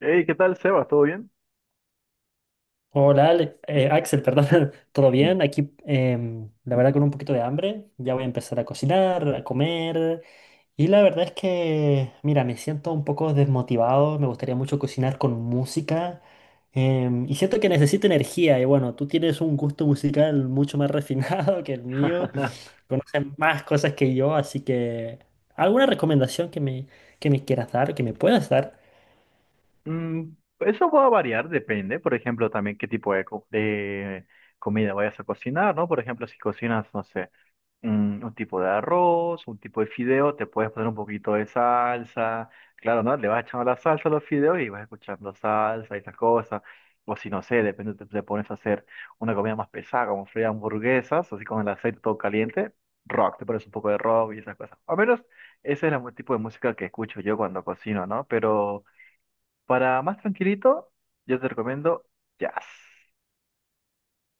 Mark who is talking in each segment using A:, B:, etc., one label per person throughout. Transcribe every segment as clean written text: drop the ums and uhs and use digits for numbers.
A: Hey, ¿qué tal, Sebas? ¿Todo bien?
B: Hola, Axel, perdón, ¿todo
A: Mm.
B: bien? Aquí, la verdad, con un poquito de hambre. Ya voy a empezar a cocinar, a comer. Y la verdad es que, mira, me siento un poco desmotivado. Me gustaría mucho cocinar con música. Y siento que necesito energía. Y bueno, tú tienes un gusto musical mucho más refinado que el mío. Conoces más cosas que yo, así que, ¿alguna recomendación que me quieras dar, que me puedas dar?
A: Mm, eso va a variar, depende, por ejemplo, también qué tipo de comida vayas a cocinar, ¿no? Por ejemplo, si cocinas, no sé, un tipo de arroz, un tipo de fideo, te puedes poner un poquito de salsa, claro, ¿no? Le vas echando la salsa a los fideos y vas escuchando salsa y esas cosas. O si no sé, depende, te pones a hacer una comida más pesada, como freír hamburguesas, así con el aceite todo caliente, rock, te pones un poco de rock y esas cosas. Al menos ese es el tipo de música que escucho yo cuando cocino, ¿no? Pero para más tranquilito, yo te recomiendo jazz.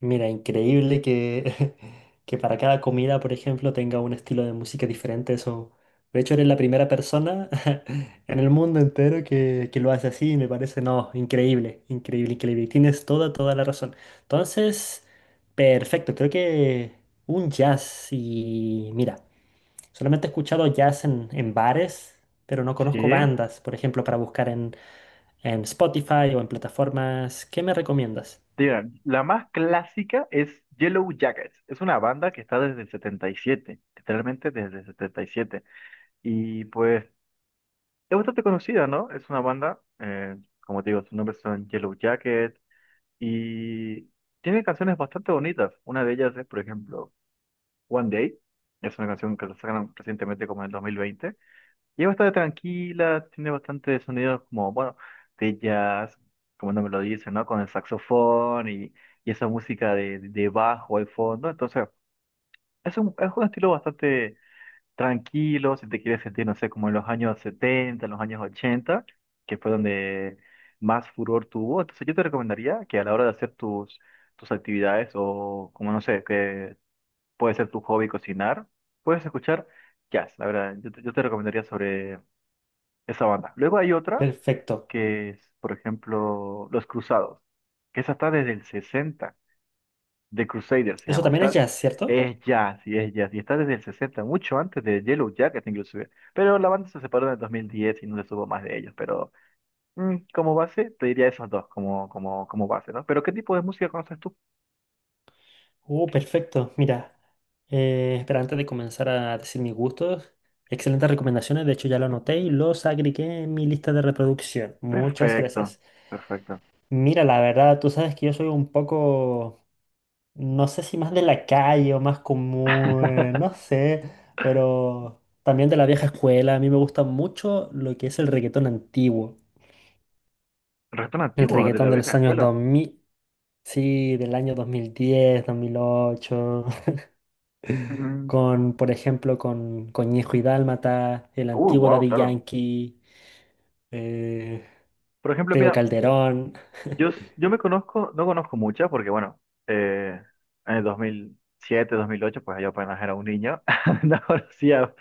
B: Mira, increíble que, que para cada comida, por ejemplo, tenga un estilo de música diferente. Eso, de hecho, eres la primera persona en el mundo entero que lo hace así. Me parece, no, increíble, increíble, increíble. Y tienes toda, toda la razón. Entonces, perfecto. Creo que un jazz y mira, solamente he escuchado jazz en bares, pero no
A: Sí.
B: conozco bandas, por ejemplo, para buscar en Spotify o en plataformas. ¿Qué me recomiendas?
A: Digan, la más clásica es Yellow Jackets. Es una banda que está desde el setenta y siete, literalmente desde el 77. Y siete. Y pues es bastante conocida, ¿no? Es una banda, como te digo, sus nombres son Yellow Jacket y tiene canciones bastante bonitas. Una de ellas es, por ejemplo, One Day. Es una canción que la sacaron recientemente como en el 2020 y es bastante tranquila, tiene bastante sonidos como, bueno, de jazz, como no me lo dicen, ¿no? Con el saxofón y esa música de bajo al fondo. Entonces, es un estilo bastante tranquilo, si te quieres sentir, no sé, como en los años setenta, en los años ochenta, que fue donde más furor tuvo. Entonces, yo te recomendaría que a la hora de hacer tus actividades o, como no sé, que puede ser tu hobby cocinar, puedes escuchar jazz. La verdad, yo te recomendaría sobre esa banda. Luego hay otra
B: Perfecto.
A: que es, por ejemplo, Los Cruzados, que esa está desde el 60, The Crusaders se
B: Eso
A: llama,
B: también es
A: está,
B: jazz, ¿cierto?
A: es jazz, y está desde el 60, mucho antes de Yellow Jacket inclusive, pero la banda se separó en el 2010 y no se supo más de ellos, pero mm, como base te diría esos dos como, como base, ¿no? Pero ¿qué tipo de música conoces tú?
B: Perfecto. Mira, espera, antes de comenzar a decir mis gustos, excelentes recomendaciones. De hecho, ya lo anoté y los agregué en mi lista de reproducción. Muchas
A: Perfecto,
B: gracias.
A: perfecto.
B: Mira, la verdad, tú sabes que yo soy un poco, no sé si más de la calle o más común, no sé, pero también de la vieja escuela. A mí me gusta mucho lo que es el reggaetón antiguo,
A: Reggaetón
B: el
A: antiguo de la
B: reggaetón de
A: vieja
B: los años
A: escuela.
B: 2000. Sí, del año dos mil diez, 2008,
A: Mm.
B: con, por ejemplo, con Conejo y Dálmata, el
A: Uy,
B: antiguo
A: wow,
B: Daddy
A: claro.
B: Yankee, eh,
A: Por ejemplo,
B: Tego
A: mira,
B: Calderón,
A: Yo me conozco, no conozco muchas porque, bueno, eh, en el dos mil siete, dos mil ocho, pues yo apenas era un niño, no conocía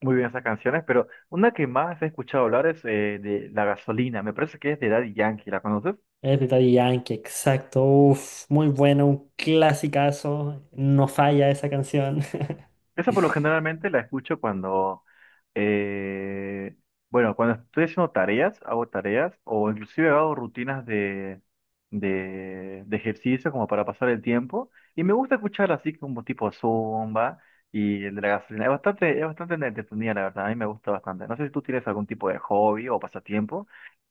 A: muy bien esas canciones, pero una que más he escuchado hablar es de La Gasolina, me parece que es de Daddy Yankee, ¿la conoces?
B: es de Daddy Yankee, exacto, uf, muy bueno, un clasicazo, no falla esa canción.
A: Esa por lo generalmente la escucho cuando, eh, bueno, cuando estoy haciendo tareas, hago tareas o inclusive hago rutinas de ejercicio como para pasar el tiempo. Y me gusta escuchar así como tipo Zumba y el de la gasolina. Es bastante entretenida, la verdad. A mí me gusta bastante. No sé si tú tienes algún tipo de hobby o pasatiempo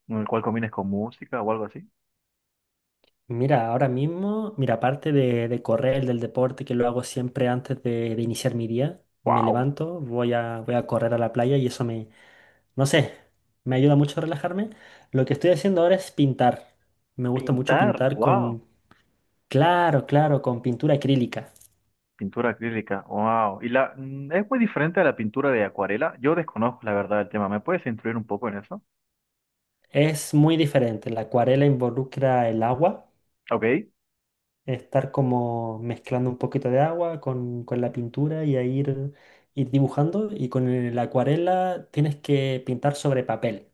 A: en el cual combines con música o algo así.
B: Mira, ahora mismo, mira, aparte de correr, del deporte, que lo hago siempre antes de iniciar mi día, me
A: ¡Wow!
B: levanto, voy a correr a la playa y eso. No sé, me ayuda mucho a relajarme. Lo que estoy haciendo ahora es pintar. Me gusta mucho
A: Pintar,
B: pintar
A: wow.
B: con, claro, claro, con pintura acrílica.
A: Pintura acrílica, wow. Y la, mm, es muy diferente a la pintura de acuarela. Yo desconozco la verdad del tema. ¿Me puedes instruir un poco en eso?
B: Es muy diferente. La acuarela involucra el agua,
A: Ok.
B: estar como mezclando un poquito de agua con la pintura y a ir dibujando. Y con la acuarela tienes que pintar sobre papel.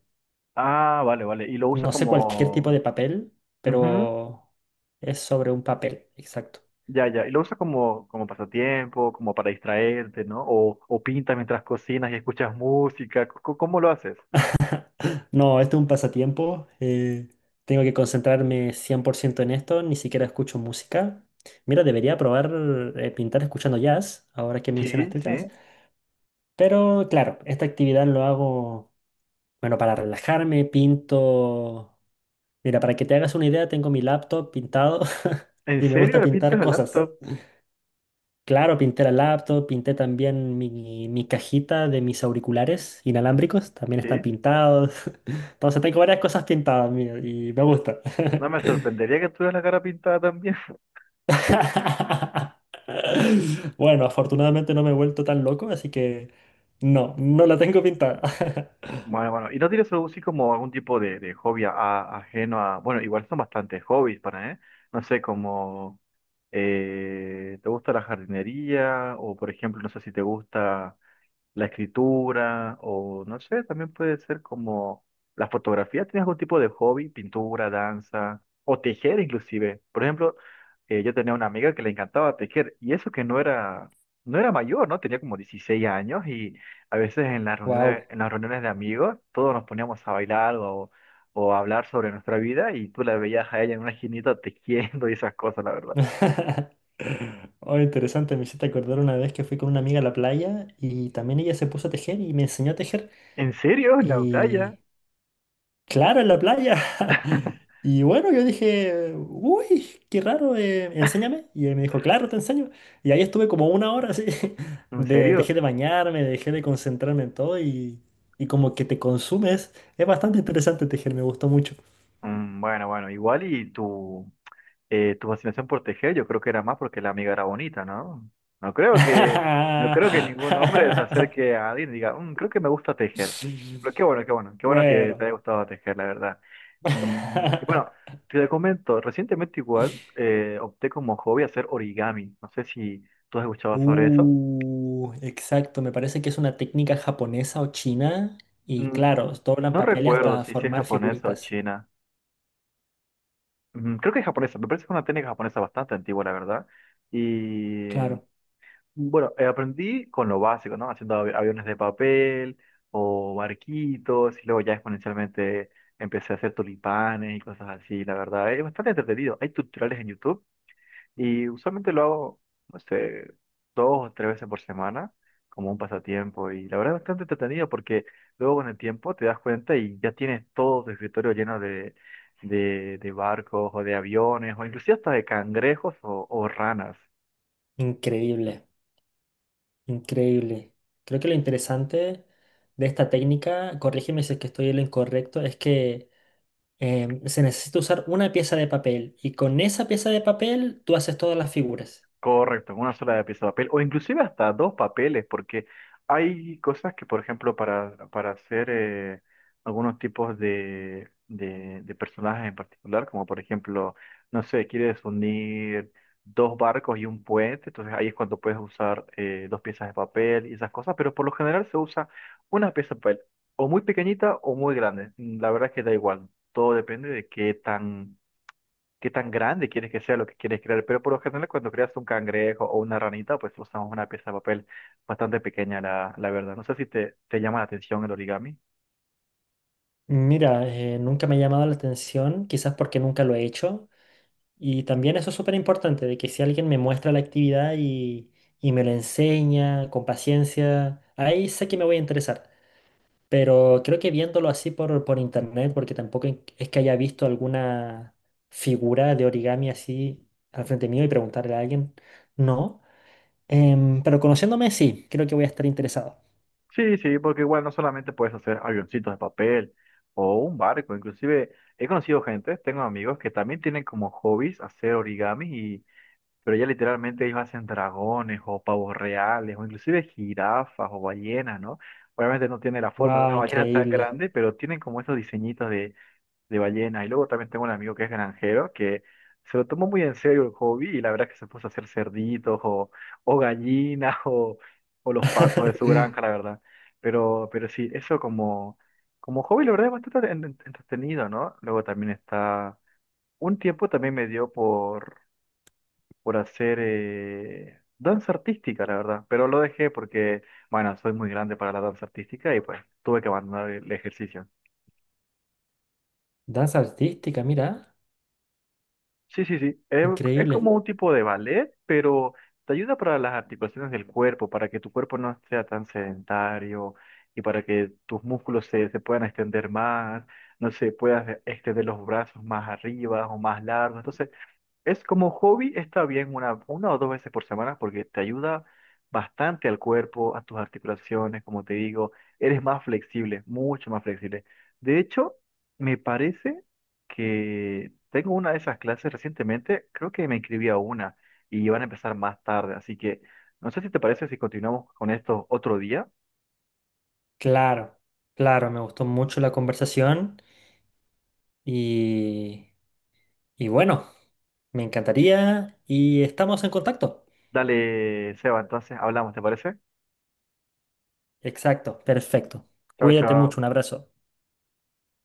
A: Ah, vale, vale. Y lo usa
B: No sé cualquier tipo de
A: como.
B: papel,
A: Ujú.
B: pero es sobre un papel, exacto.
A: Ya, ya. Y lo usa como, como pasatiempo, como para distraerte, ¿no? O pintas mientras cocinas y escuchas música. ¿Cómo lo haces?
B: No, esto es un pasatiempo. Tengo que concentrarme 100% en esto. Ni siquiera escucho música. Mira, debería probar pintar escuchando jazz, ahora que
A: Sí,
B: mencionaste el jazz.
A: sí.
B: Pero claro, esta actividad lo hago, bueno, para relajarme, pinto. Mira, para que te hagas una idea, tengo mi laptop pintado
A: ¿En
B: y me
A: serio
B: gusta
A: le
B: pintar
A: pintas el
B: cosas.
A: laptop?
B: Claro, pinté la laptop, pinté también mi cajita de mis auriculares
A: Mm.
B: inalámbricos, también están
A: Sí.
B: pintados. Entonces tengo varias cosas pintadas, mío, y me gusta.
A: No me sorprendería que tuvieras la cara pintada también.
B: Bueno, afortunadamente no me he vuelto tan loco, así que no, no la tengo pintada.
A: Bueno, bueno, ¿y no tienes algo así como algún tipo de hobby ajeno a... Bueno, igual son bastantes hobbies para, ¿eh? No sé, como... ¿te gusta la jardinería? O, por ejemplo, no sé si te gusta la escritura o no sé, también puede ser como la fotografía. ¿Tienes algún tipo de hobby? Pintura, danza o tejer inclusive. Por ejemplo, yo tenía una amiga que le encantaba tejer y eso que no era mayor, ¿no? Tenía como 16 años y a veces
B: Wow.
A: en las reuniones de amigos todos nos poníamos a bailar o a hablar sobre nuestra vida y tú la veías a ella en una esquinita tejiendo y esas cosas, la verdad.
B: Oh, interesante, me hiciste acordar una vez que fui con una amiga a la playa y también ella se puso a tejer y me enseñó a tejer.
A: ¿En serio? ¿En la playa?
B: Y claro, en la playa. Y bueno, yo dije, uy, qué raro, enséñame. Y él me dijo, claro, te enseño. Y ahí estuve como una hora así.
A: ¿En
B: Dejé
A: serio?
B: de bañarme, dejé de concentrarme en todo y como que te consumes. Es bastante interesante tejer, me gustó mucho.
A: Mm, bueno, bueno, igual y tú, tu fascinación por tejer, yo creo que era más porque la amiga era bonita, ¿no? No creo que, no creo que ningún hombre se acerque a alguien y diga, "Mm, creo que me gusta tejer." Pero qué bueno, qué bueno, qué bueno que te
B: Bueno.
A: haya gustado tejer, la verdad. Mm, y bueno, te comento, recientemente igual opté como hobby hacer origami. No sé si tú has escuchado sobre eso.
B: Exacto, me parece que es una técnica japonesa o china. Y
A: Mm,
B: claro, doblan
A: no
B: papeles
A: recuerdo
B: hasta
A: si es
B: formar
A: japonesa o
B: figuritas.
A: china. Mm, creo que es japonesa, me parece que es una técnica japonesa bastante antigua, la verdad. Y
B: Claro,
A: bueno, aprendí con lo básico, ¿no? Haciendo aviones de papel o barquitos y luego ya exponencialmente empecé a hacer tulipanes y cosas así, la verdad. Es bastante entretenido. Hay tutoriales en YouTube y usualmente lo hago, no sé, 2 o 3 veces por semana como un pasatiempo y la verdad es bastante entretenido porque luego con el tiempo te das cuenta y ya tienes todo tu escritorio lleno de, de barcos o de aviones o inclusive hasta de cangrejos o ranas.
B: increíble, increíble. Creo que lo interesante de esta técnica, corrígeme si es que estoy en lo incorrecto, es que se necesita usar una pieza de papel y con esa pieza de papel tú haces todas las figuras.
A: Correcto, con una sola pieza de papel, o inclusive hasta dos papeles, porque hay cosas que, por ejemplo, para hacer algunos tipos de personajes en particular, como por ejemplo, no sé, quieres unir dos barcos y un puente, entonces ahí es cuando puedes usar dos piezas de papel y esas cosas, pero por lo general se usa una pieza de papel, o muy pequeñita o muy grande, la verdad es que da igual, todo depende de qué tan grande quieres que sea lo que quieres crear, pero por lo general cuando creas un cangrejo o una ranita, pues usamos una pieza de papel bastante pequeña, la verdad. No sé si te llama la atención el origami.
B: Mira, nunca me ha llamado la atención, quizás porque nunca lo he hecho. Y también eso es súper importante, de que si alguien me muestra la actividad y me lo enseña con paciencia, ahí sé que me voy a interesar. Pero creo que viéndolo así por internet, porque tampoco es que haya visto alguna figura de origami así al frente mío y preguntarle a alguien, no. Pero conociéndome, sí, creo que voy a estar interesado.
A: Sí, sí, porque igual no solamente puedes hacer avioncitos de papel o un barco, inclusive he conocido gente, tengo amigos que también tienen como hobbies hacer origami y... Pero ya literalmente ellos hacen dragones o pavos reales o inclusive jirafas o ballenas, ¿no? Obviamente no tiene la forma de
B: ¡Wow!
A: una ballena tan
B: Increíble.
A: grande, pero tienen como esos diseñitos de ballenas. Y luego también tengo un amigo que es granjero que se lo tomó muy en serio el hobby y la verdad es que se puso a hacer cerditos o gallinas o los patos de su granja, la verdad. Pero sí, eso como, como hobby, la verdad es bastante entretenido, ¿no? Luego también está... Un tiempo también me dio por hacer danza artística, la verdad, pero lo dejé porque, bueno, soy muy grande para la danza artística y pues tuve que abandonar el ejercicio.
B: Danza artística, mira.
A: Sí, sí, sí. Es
B: Increíble.
A: como un tipo de ballet, pero te ayuda para las articulaciones del cuerpo, para que tu cuerpo no sea tan sedentario y para que tus músculos se puedan extender más, no sé, puedas extender los brazos más arriba o más largos. Entonces, es como hobby, está bien 1 o 2 veces por semana porque te ayuda bastante al cuerpo, a tus articulaciones, como te digo, eres más flexible, mucho más flexible. De hecho, me parece que tengo una de esas clases recientemente, creo que me inscribí a una y van a empezar más tarde, así que no sé si te parece si continuamos con esto otro día.
B: Claro, claro, me gustó mucho la conversación y, y bueno, me encantaría y estamos en contacto.
A: Dale, Seba, entonces hablamos, ¿te parece?
B: Exacto, perfecto.
A: Chao,
B: Cuídate
A: chao.
B: mucho, un abrazo.